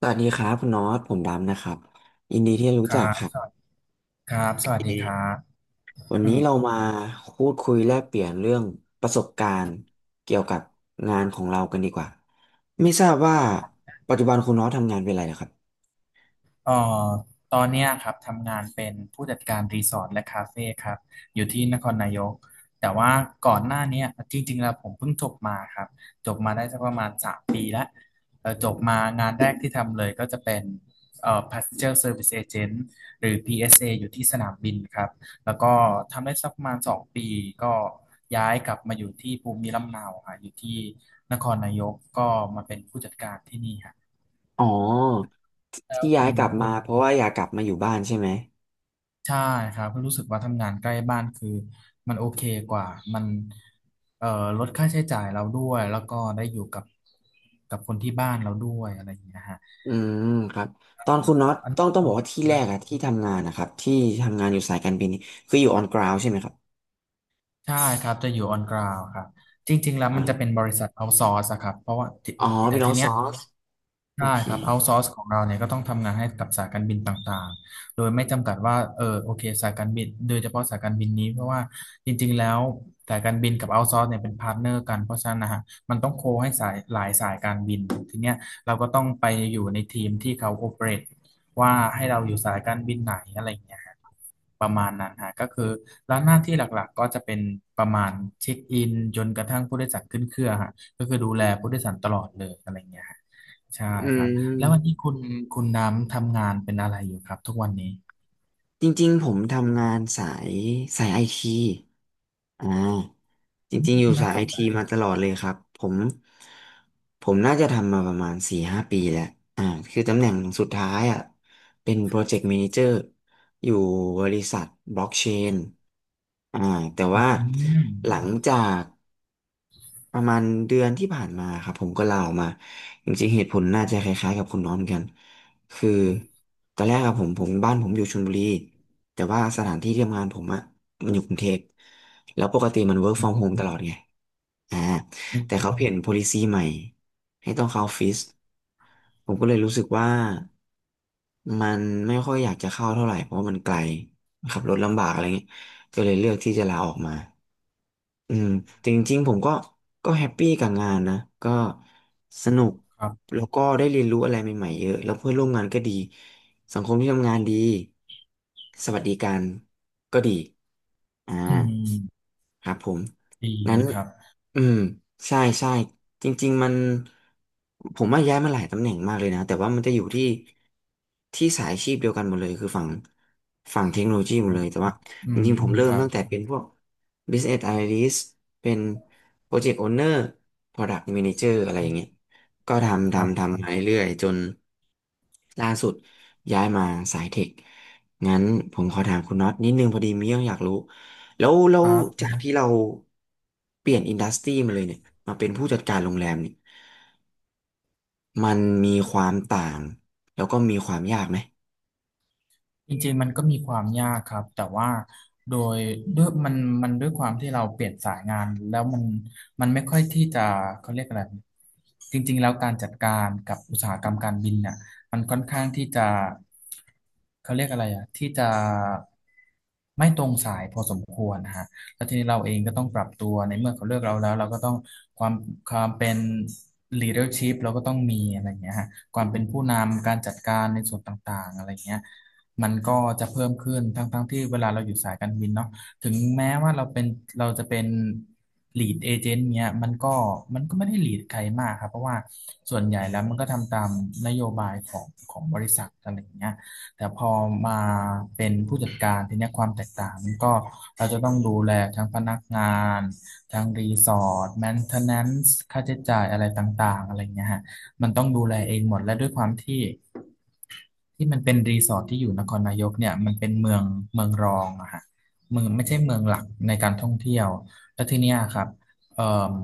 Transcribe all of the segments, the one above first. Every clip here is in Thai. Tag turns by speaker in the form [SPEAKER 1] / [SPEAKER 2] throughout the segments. [SPEAKER 1] สวัสดีครับคุณน็อตผมดำนะครับยินดีที่ได้
[SPEAKER 2] ค
[SPEAKER 1] รู้
[SPEAKER 2] รั
[SPEAKER 1] จัก
[SPEAKER 2] บ
[SPEAKER 1] ครั
[SPEAKER 2] สวัส
[SPEAKER 1] บ
[SPEAKER 2] ดีครับสวัสดีครับ
[SPEAKER 1] วัน
[SPEAKER 2] อื
[SPEAKER 1] นี้
[SPEAKER 2] ม
[SPEAKER 1] เรามาพูดคุยแลกเปลี่ยนเรื่องประสบการณ์เกี่ยวกับงานของเรากันดีกว่าไม่ทราบว่าปัจจุบันคุณน็อตทำงานเป็นอะไรนะครับ
[SPEAKER 2] เอ่อตอนเนี้ยครับทำงานเป็นผู้จัดการรีสอร์ทและคาเฟ่ครับอยู่ที่นครนายกแต่ว่าก่อนหน้าเนี้ยจริงๆแล้วผมเพิ่งจบมาครับจบมาได้สักประมาณสามปีแล้วจบมางานแรกที่ทำเลยก็จะเป็นPassenger Service Agent หรือ PSA อสเออยู่ที่สนามบินครับแล้วก็ทำได้สักประมาณสองปีก็ย้ายกลับมาอยู่ที่ภูมิลำเนาค่ะอยู่ที่นครนายกก็มาเป็นผู้จัดการที่นี่ครับ
[SPEAKER 1] อ๋อ
[SPEAKER 2] แล้ว
[SPEAKER 1] ที่ย้า
[SPEAKER 2] คุ
[SPEAKER 1] ย
[SPEAKER 2] ณ
[SPEAKER 1] กลับมา
[SPEAKER 2] คุณ
[SPEAKER 1] เพราะว่าอยากกลับมาอยู่บ้านใช่ไหม
[SPEAKER 2] ใช่ครับรู้สึกว่าทำงานใกล้บ้านคือมันโอเคกว่ามันเอ่อลดค่าใช้จ่ายเราด้วยแล้วก็ได้อยู่กับคนที่บ้านเราด้วยอะไรอย่างเงี้ยฮะ
[SPEAKER 1] อืมครับตอนคุณน็อต
[SPEAKER 2] อั
[SPEAKER 1] ต้อง
[SPEAKER 2] น
[SPEAKER 1] ต้องบอกว่าที่แรกอะที่ทำงานนะครับที่ทำงานอยู่สายการบินนี่คืออยู่ออนกราวใช่ไหมครับ
[SPEAKER 2] ใช่ครับจะอยู่ออนกราวครับจริงๆแล้วมัน
[SPEAKER 1] อ่า
[SPEAKER 2] จะเป็นบริษัทเอาซอสครับเพราะว่าที่
[SPEAKER 1] อ๋อ
[SPEAKER 2] แต่
[SPEAKER 1] เป็นอ
[SPEAKER 2] ที
[SPEAKER 1] อซ
[SPEAKER 2] เนี้ย
[SPEAKER 1] อร์สโอ
[SPEAKER 2] ใช่
[SPEAKER 1] เค
[SPEAKER 2] ครับเอาซอร์สของเราเนี่ยก็ต้องทำงานให้กับสายการบินต่างๆโดยไม่จำกัดว่าเออโอเคสายการบินโดยเฉพาะสายการบินนี้เพราะว่าจริงๆแล้วสายการบินกับเอาซอร์สเนี่ยเป็นพาร์ทเนอร์กันเพราะฉะนั้นนะฮะมันต้องโคให้สายหลายสายการบินทีเนี้ยเราก็ต้องไปอยู่ในทีมที่เขาโอเปเรตว่าให้เราอยู่สายการบินไหนอะไรอย่างเงี้ยฮะประมาณนั้นฮะก็คือแล้วหน้าที่หลักๆก็จะเป็นประมาณเช็คอินจนกระทั่งผู้โดยสารขึ้นเครื่องฮะก็คือดูแลผู้โดยสารตลอดเลยอะไรอย่างเงี้ยฮะ ใช่
[SPEAKER 1] อื
[SPEAKER 2] ครับ
[SPEAKER 1] ม
[SPEAKER 2] แล้ววันนี้คุณน้ำทำงานเป็นอะไรอยู่ครับทุกวันนี้
[SPEAKER 1] จริงๆผมทำงานสายไอทีอ่าจ
[SPEAKER 2] อื
[SPEAKER 1] ริ
[SPEAKER 2] ม
[SPEAKER 1] งๆอยู่
[SPEAKER 2] น่า
[SPEAKER 1] สาย
[SPEAKER 2] ส
[SPEAKER 1] ไอ
[SPEAKER 2] นใจ
[SPEAKER 1] ทีมาตลอดเลยครับผมผมน่าจะทำมาประมาณ4-5 ปีแล้วอ่าคือตำแหน่งสุดท้ายอ่ะเป็นโปรเจกต์ a ม a นเจอร์อยู่บริษัทบล็อกเชนอ่าแต่
[SPEAKER 2] อื
[SPEAKER 1] ว่าหลัง
[SPEAKER 2] ม
[SPEAKER 1] จาก ประมาณเดือนที่ผ่านมาครับผมก็ลาออกมาจริงๆเหตุผลน่าจะคล้ายๆกับคุณน้องเหมือนกันคือตอนแรกอะผมบ้านผมอยู่ชลบุรีแต่ว่าสถานที่ที่ทำงานผมอะมันอยู่กรุงเทพแล้วปกติมัน work
[SPEAKER 2] อื
[SPEAKER 1] from
[SPEAKER 2] ม
[SPEAKER 1] home ตลอดไงอ่า
[SPEAKER 2] อืม
[SPEAKER 1] แต่เขาเปลี่ยน policy ใหม่ให้ต้องเข้าออฟฟิศ ผมก็เลยรู้สึกว่ามันไม่ค่อยอยากจะเข้าเท่าไหร่เพราะว่ามันไกลขับรถลำบากอะไรเงี้ยก็เลยเลือกที่จะลาออกมาอืมแต่จริงๆผมก็ก็แฮปปี้กับงานนะก็สนุก
[SPEAKER 2] ครับ
[SPEAKER 1] แล้วก็ได้เรียนรู้อะไรใหม่ๆเยอะแล้วเพื่อนร่วมงานก็ดีสังคมที่ทำงานดีสวัสดิการก็ดีอ่า
[SPEAKER 2] อืม
[SPEAKER 1] ครับผม
[SPEAKER 2] ดีเล
[SPEAKER 1] งั้น
[SPEAKER 2] ยครับ
[SPEAKER 1] อืมใช่ใช่จริงๆมันผมว่าย้ายมาหลายตำแหน่งมากเลยนะแต่ว่ามันจะอยู่ที่ที่สายอาชีพเดียวกันหมดเลยคือฝั่งเทคโนโลยีหมดเลยแต่ว่า
[SPEAKER 2] อื
[SPEAKER 1] จ
[SPEAKER 2] ม
[SPEAKER 1] ริงๆผมเริ่
[SPEAKER 2] ค
[SPEAKER 1] มม
[SPEAKER 2] รับ
[SPEAKER 1] ตั้งแต่เป็นพวก Business Analyst เป็น Project Owner Product Manager อะไรอย่างเงี้ยก็ทำ
[SPEAKER 2] ครั
[SPEAKER 1] ทำ
[SPEAKER 2] บ
[SPEAKER 1] ทำมาเรื่อยๆจนล่าสุดย้ายมาสายเทคงั้นผมขอถามคุณน็อตนิดนึงพอดีมีเรื่องอยากรู้ แล้วแล้
[SPEAKER 2] ค
[SPEAKER 1] ว
[SPEAKER 2] รับ
[SPEAKER 1] จากที่เราเปลี่ยนอินดัสทรีมาเลยเนี่ยมาเป็นผู้จัดการโรงแรมเนี่ยมันมีความต่างแล้วก็มีความยากไหม
[SPEAKER 2] จริงๆมันก็มีความยากครับแต่ว่าโดยด้วยมันมันด้วยความที่เราเปลี่ยนสายงานแล้วมันไม่ค่อยที่จะเขาเรียกอะไรจริงๆแล้วการจัดการกับอุตสาหกรรมการบินเน่ยมันค่อนข้างที่จะเขาเรียกอะไรอ่ะที่จะไม่ตรงสายพอสมควรนะฮะแล้วทีนี้เราเองก็ต้องปรับตัวในเมื่อเขาเลือกเราแล้วเราก็ต้องความความเป็น leadership เราก็ต้องมีอะไรอย่างเงี้ยฮะความเป็นผู้นำการจัดการในส่วนต่างๆอะไรอย่างเงี้ย มันก็จะเพิ่มขึ้นทั้งที่เวลาเราอยู่สายการบินเนาะถึงแม้ว่าเราจะเป็น lead agent เนี่ยมันก็ไม่ได้ lead ใครมากครับเพราะว่าส่วนใหญ่แล้วมันก็ทำตามนโยบายของบริษัทอะไรอย่างเงี้ยแต่พอมาเป็นผู้จัดการทีเนี้ยความแตกต่างมันก็เราจะต้องดูแลทั้งพนักงานทั้งรีสอร์ทแมนเทนแนนซ์ค่าใช้จ่ายอะไรต่างๆอะไรเงี้ยฮะมันต้องดูแลเองหมดและด้วยความที่ ที่มันเป็นรีสอร์ทที่อยู่นครนายกเนี่ยมันเป็นเมืองรองอะฮะเมืองไม่ใช่เมืองหลักในการท่องเที่ยวแล้วทีเนี้ยครับเอ่อ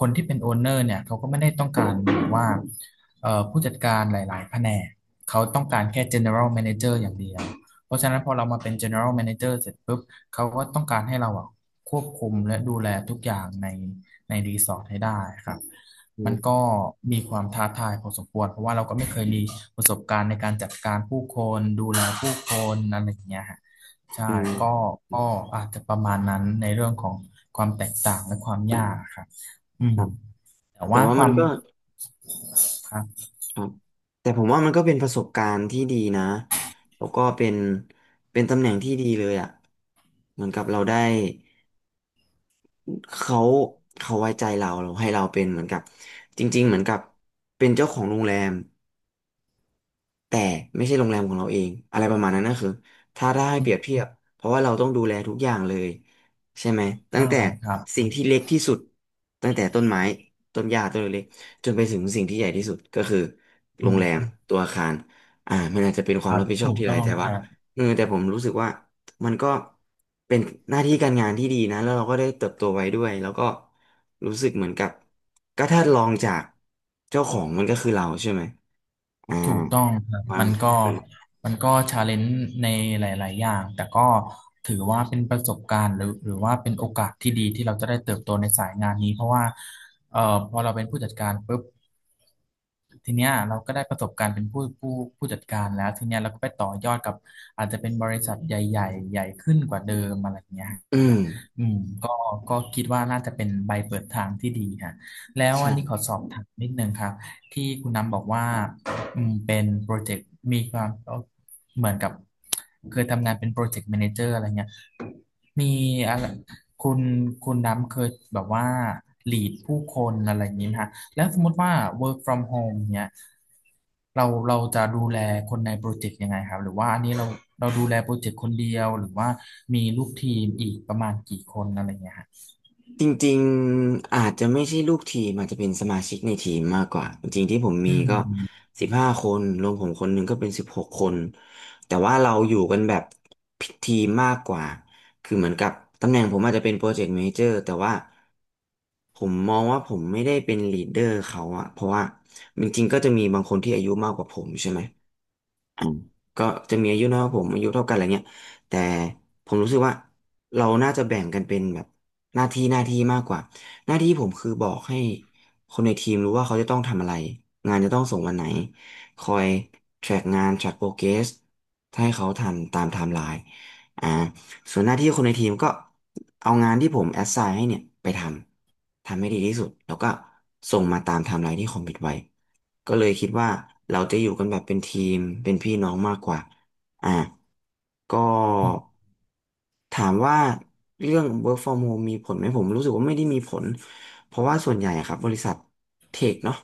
[SPEAKER 2] คนที่เป็นโอนเนอร์เนี่ยเขาก็ไม่ได้ต้องการแบบว่าผู้จัดการหลายๆแผนกเขาต้องการแค่ general manager อย่างเดียว เพราะฉะนั้นพอเรามาเป็น general manager เสร็จปุ๊บเขาก็ต้องการให้เราอะควบคุมและดูแลทุกอย่างในรีสอร์ทให้ได้ครับ
[SPEAKER 1] อื
[SPEAKER 2] มันก็
[SPEAKER 1] ม
[SPEAKER 2] มีความท้าทายพอสมควรเพราะว่าเราก็ไม่เคยมีประสบการณ์ในการจัดการผู้คนดูแลผู้คนอะไรอย่างเงี้ยฮะ
[SPEAKER 1] อื
[SPEAKER 2] ใช่ก็
[SPEAKER 1] ม
[SPEAKER 2] ก็อาจจะประมาณนั้นในเรื่องของความแตกต่างและความยากครับอื
[SPEAKER 1] ค
[SPEAKER 2] ม
[SPEAKER 1] รับ
[SPEAKER 2] แต่
[SPEAKER 1] แต่
[SPEAKER 2] ว่า
[SPEAKER 1] ว่ามันก็
[SPEAKER 2] ครับ
[SPEAKER 1] ครับแต่ผมว่ามันก็เป็นประสบการณ์ที่ดีนะแล้วก็เป็นเป็นตำแหน่งที่ดีเลยอ่ะเหมือนกับเราได้เขาเขาไว้ใจเราเราให้เราเป็นเหมือนกับจริงๆเหมือนกับเป็นเจ้าของโรงแรม แต่ไม่ใช่โรงแรมของเราเองอะไรประมาณนั้นนะคือถ้าได้
[SPEAKER 2] อื
[SPEAKER 1] เปรี
[SPEAKER 2] ม
[SPEAKER 1] ยบเทียบเพราะว่าเราต้องดูแลทุกอย่างเลยใช่ไหมตั้ง
[SPEAKER 2] ใช่
[SPEAKER 1] แต่
[SPEAKER 2] ครั
[SPEAKER 1] สิ่
[SPEAKER 2] บ
[SPEAKER 1] งที่เล็กที่สุดตั้งแต่ต้นไม้ต้นหญ้าต้นเล็กๆจนไปถึงสิ่งที่ใหญ่ที่สุดก็คือโร
[SPEAKER 2] อื
[SPEAKER 1] ง
[SPEAKER 2] ม
[SPEAKER 1] แรมตัวอาคารอ่ามันอาจจะเป็นค
[SPEAKER 2] ค
[SPEAKER 1] วาม
[SPEAKER 2] รั
[SPEAKER 1] รั
[SPEAKER 2] บ
[SPEAKER 1] บผิดชอบ
[SPEAKER 2] ถูก
[SPEAKER 1] ที่หลา
[SPEAKER 2] ต้
[SPEAKER 1] ย
[SPEAKER 2] อง
[SPEAKER 1] แต่
[SPEAKER 2] ค
[SPEAKER 1] ว่า
[SPEAKER 2] รับ
[SPEAKER 1] เออแต่ผมรู้สึกว่ามันก็เป็นหน้าที่การงานที่ดีนะแล้วเราก็ได้เติบโตไว้ด้วยแล้วก็รู้สึกเหมือนกับก็ถ้าลองจากเจ้าของมันก็คือเราใช่ไหม อ่า
[SPEAKER 2] ถูกต้องครับ
[SPEAKER 1] บ้า
[SPEAKER 2] มั
[SPEAKER 1] ง
[SPEAKER 2] นก็มันก็ชาเลนจ์ในหลาย ๆ อย่างแต่ก็ถือว่าเป็นประสบการณ์หรือว่าเป็นโอกาสที่ดีที่เราจะได้เติบโตในสายงานนี้เพราะว่าพอเราเป็นผู้จัดการปุ๊บ ทีเนี้ยเราก็ได้ประสบการณ์เป็นผู้จัดการแล้วทีเนี้ยเราก็ไปต่อยอดกับอาจจะเป็นบริษัทใหญ่ขึ้นกว่าเดิมอะไรเงี้ยฮะ
[SPEAKER 1] อืม
[SPEAKER 2] อืมก็คิดว่าน่าจะเป็นใบเปิดทางที่ดีค่ะแล้ว
[SPEAKER 1] ใช่
[SPEAKER 2] อันนี้ขอสอบถามนิดนึงครับที่คุณน้ำบอกว่าเป็นโปรเจกต์มีความเหมือนกับเคยทำงานเป็นโปรเจกต์แมเนเจอร์อะไรเงี้ยมีอะไรคุณคุณน้ำเคยแบบว่าลีดผู้คนอะไรอย่างนี้ไหมฮะ แล้วสมมติว่า work from home เนี่ย เราจะดูแลคนในโปรเจกต์ยังไงครับ หรือว่าอันนี้เราดูแลโปรเจกต์คนเดียว หรือว่ามีลูกทีมอีกประมาณกี่คนอะไรเงี้ยฮะ
[SPEAKER 1] จริงๆ อาจจะไม่ใช่ลูกทีมอาจจะเป็นสมาชิกในทีมมากกว่า จริงๆที่ผม
[SPEAKER 2] อื
[SPEAKER 1] มีก็
[SPEAKER 2] ม
[SPEAKER 1] 15 คนรวมผมคนหนึ่งก็เป็น16 คน แต่ว่าเราอยู่กันแบบทีมมากกว่า คือเหมือนกับตำแหน่งผมอาจจะเป็นโปรเจกต์เมเจอร์แต่ว่าผมมองว่าผมไม่ได้เป็นลีดเดอร์เขาอะเพราะว่าจริงๆ ก็จะมีบางคนที่อายุมากกว่าผมใช่ไหม อ่ะก็จะมีอายุน้อยกว่าผมอายุเท่ากันอะไรเงี้ยแต่ผมรู้สึกว่าเราน่าจะแบ่งกันเป็นแบบหน้าที่มากกว่าหน้าที่ผมคือบอกให้คนในทีมรู้ว่าเขาจะต้องทำอะไรงานจะต้องส่งวันไหนคอย track งาน track progress ให้เขาทันตามไทม์ไลน์อ่าส่วนหน้าที่คนในทีมก็เอางานที่ผม a สไ i g n ให้เนี่ยไปทำทำให้ดีที่สุดแล้วก็ส่งมาตามไทม์ไลน์ที่คอมมิตไว้ ก็เลยคิดว่าเราจะอยู่กันแบบเป็นทีมเป็นพี่น้องมากกว่า อ่ะ ก็
[SPEAKER 2] อืม
[SPEAKER 1] ถามว่าเรื่อง work from home มีผลไหมผมรู้สึกว่าไม่ได้มีผลเพราะว่าส่วนใหญ่อะครับบริษัทเทคเนาะ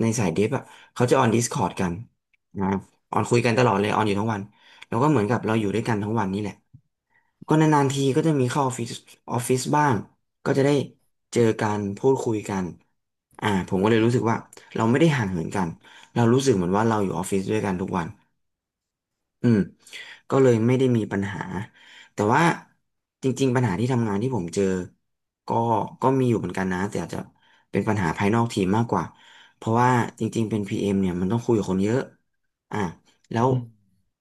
[SPEAKER 1] ในสายเดฟอะเขาจะออน Discord กันนะออนคุยกันตลอดเลยออนอยู่ทั้งวันแล้วก็เหมือนกับเราอยู่ด้วยกันทั้งวันนี่แหละ ก็นานๆทีก็จะมีเข้าออฟฟิศออฟฟิศบ้างก็จะได้เจอกันพูดคุยกันผมก็เลยรู้สึกว่าเราไม่ได้ห่างเหินกันเรารู้สึกเหมือนว่าเราอยู่ออฟฟิศด้วยกันทุกวัน อืมก็เลยไม่ได้มีปัญหาแต่ว่าจริงๆปัญหาที่ทำงานที่ผมเจอก็ก็มีอยู่เหมือนกันนะแต่อาจจะเป็นปัญหาภายนอกทีมมากกว่าเพราะว่าจริงๆเป็น PM เอ็มเนี่ยมันต้องคุยกับคนเยอะอ่ะแล้ว
[SPEAKER 2] อืม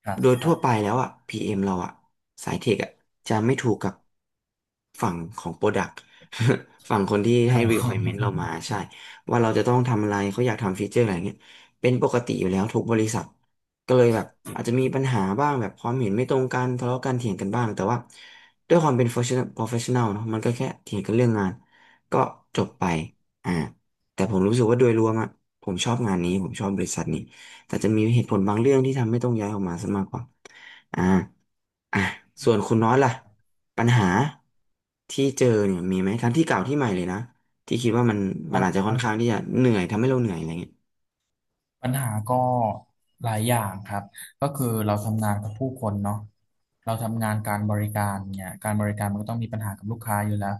[SPEAKER 2] ครับ
[SPEAKER 1] โดยทั่วไปแล้วอ่ะ PM เอ็มเราอ่ะสายเทคอ่ะจะไม่ถูกกับฝั่งของ Product ฝั่งคนที่ให้ requirement
[SPEAKER 2] อ
[SPEAKER 1] เรา
[SPEAKER 2] อ
[SPEAKER 1] มาใช่ว่าเราจะต้องทำอะไรเขาอยากทำฟีเจอร์อะไรเงี้ยเป็นปกติอยู่แล้วทุกบริษัท ก็เลยแบบอาจจะมีปัญหาบ้างแบบความเห็นไม่ตรงกันทะเลาะกันเถียงกันบ้างแต่ว่าด้วยความเป็น professional เนอะมันก็แค่เถียงกันเรื่องงานก็จบไปอ่าแต่ผมรู้สึกว่าโดยรวมอะผมชอบงานนี้ผมชอบบริษัทนี้แต่จะมีเหตุ
[SPEAKER 2] อื
[SPEAKER 1] ผล
[SPEAKER 2] ม
[SPEAKER 1] บางเรื่องที่ทำให้ต้องย้ายออกมาซะมากกว่าอ่าอ่ะ
[SPEAKER 2] อื
[SPEAKER 1] ส่วน
[SPEAKER 2] ม
[SPEAKER 1] คุณน้อยล่ะปัญหาที่เจอเนี่ยมีไหมทั้งที่เก่าที่ใหม่เลยนะที่คิดว่ามัน
[SPEAKER 2] ค
[SPEAKER 1] มั
[SPEAKER 2] รั
[SPEAKER 1] นอาจจะ
[SPEAKER 2] บ
[SPEAKER 1] ค่อนข้างที่จะเหนื่อยทำให้เราเหนื่อยอะไรเงี้ย
[SPEAKER 2] ปัญหาก็หลายอย่างครับ ก็คือเราทำงานกับผู้คนเนาะเราทำงานการบริการเนี่ยการบริการมันก็ต้องมีปัญหากับลูกค้าอยู่แล้ว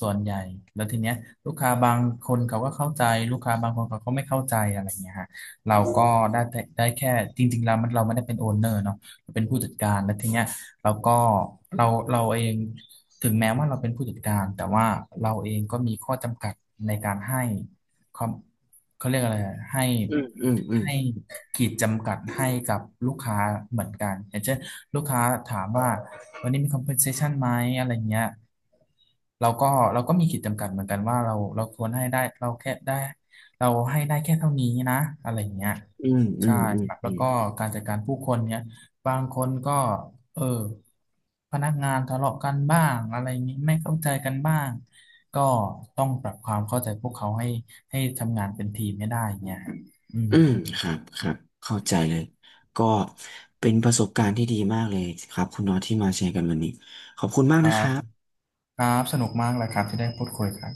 [SPEAKER 2] ส่วนใหญ่แล้วทีเนี้ยลูกค้าบางคนเขาก็เข้าใจลูกค้าบางคนเขาก็ไม่เข้าใจอะไรเงี้ยฮะเราก็ได้แค่จริงๆเรามันเราไม่ได้เป็นโอนเนอร์เนาะเราเป็นผู้จัดการแล้วทีเนี้ยเราก็เราเราเองถึงแม้ว่าเราเป็นผู้จัดการแต่ว่าเราเองก็มีข้อจำกัดในการให้ ความเขาเรียกอะไรอะให้
[SPEAKER 1] อืมอืม
[SPEAKER 2] ให้ขีดจำกัดให้กับลูกค้าเหมือนกันอย่างเช่นลูกค้าถามว่าวันนี้มี compensation ไหมอะไรเงี้ยเราก็เราก็มีขีดจำกัดเหมือนกันว่าเราควรให้ได้เราให้ได้แค่เท่านี้นะอะไรเงี้ย
[SPEAKER 1] อืมอื
[SPEAKER 2] ใช่
[SPEAKER 1] มอืม
[SPEAKER 2] ครับ
[SPEAKER 1] อื
[SPEAKER 2] แล้ว
[SPEAKER 1] ม
[SPEAKER 2] ก็
[SPEAKER 1] อืม
[SPEAKER 2] การจัดการผู้คนเนี้ยบางคนก็เออพนักงานทะเลาะกันบ้างอะไรนี้ไม่เข้าใจกันบ้างก็ต้องปรับความเข้าใจพวกเขาให้ ให้ทำงานเป็นทีมไม่ได้เงี้ยอืม
[SPEAKER 1] อืม ครับ ครับ เข้าใจเลย ก็เป็นประสบการณ์ที่ดีมากเลยครับคุณน็อตที่มาแชร์กันวันนี้ ขอบคุณมา
[SPEAKER 2] ค
[SPEAKER 1] ก
[SPEAKER 2] รั
[SPEAKER 1] นะค
[SPEAKER 2] บ
[SPEAKER 1] รับ
[SPEAKER 2] ครับ สนุกมากเลยครับที่ได้พูดคุยครับ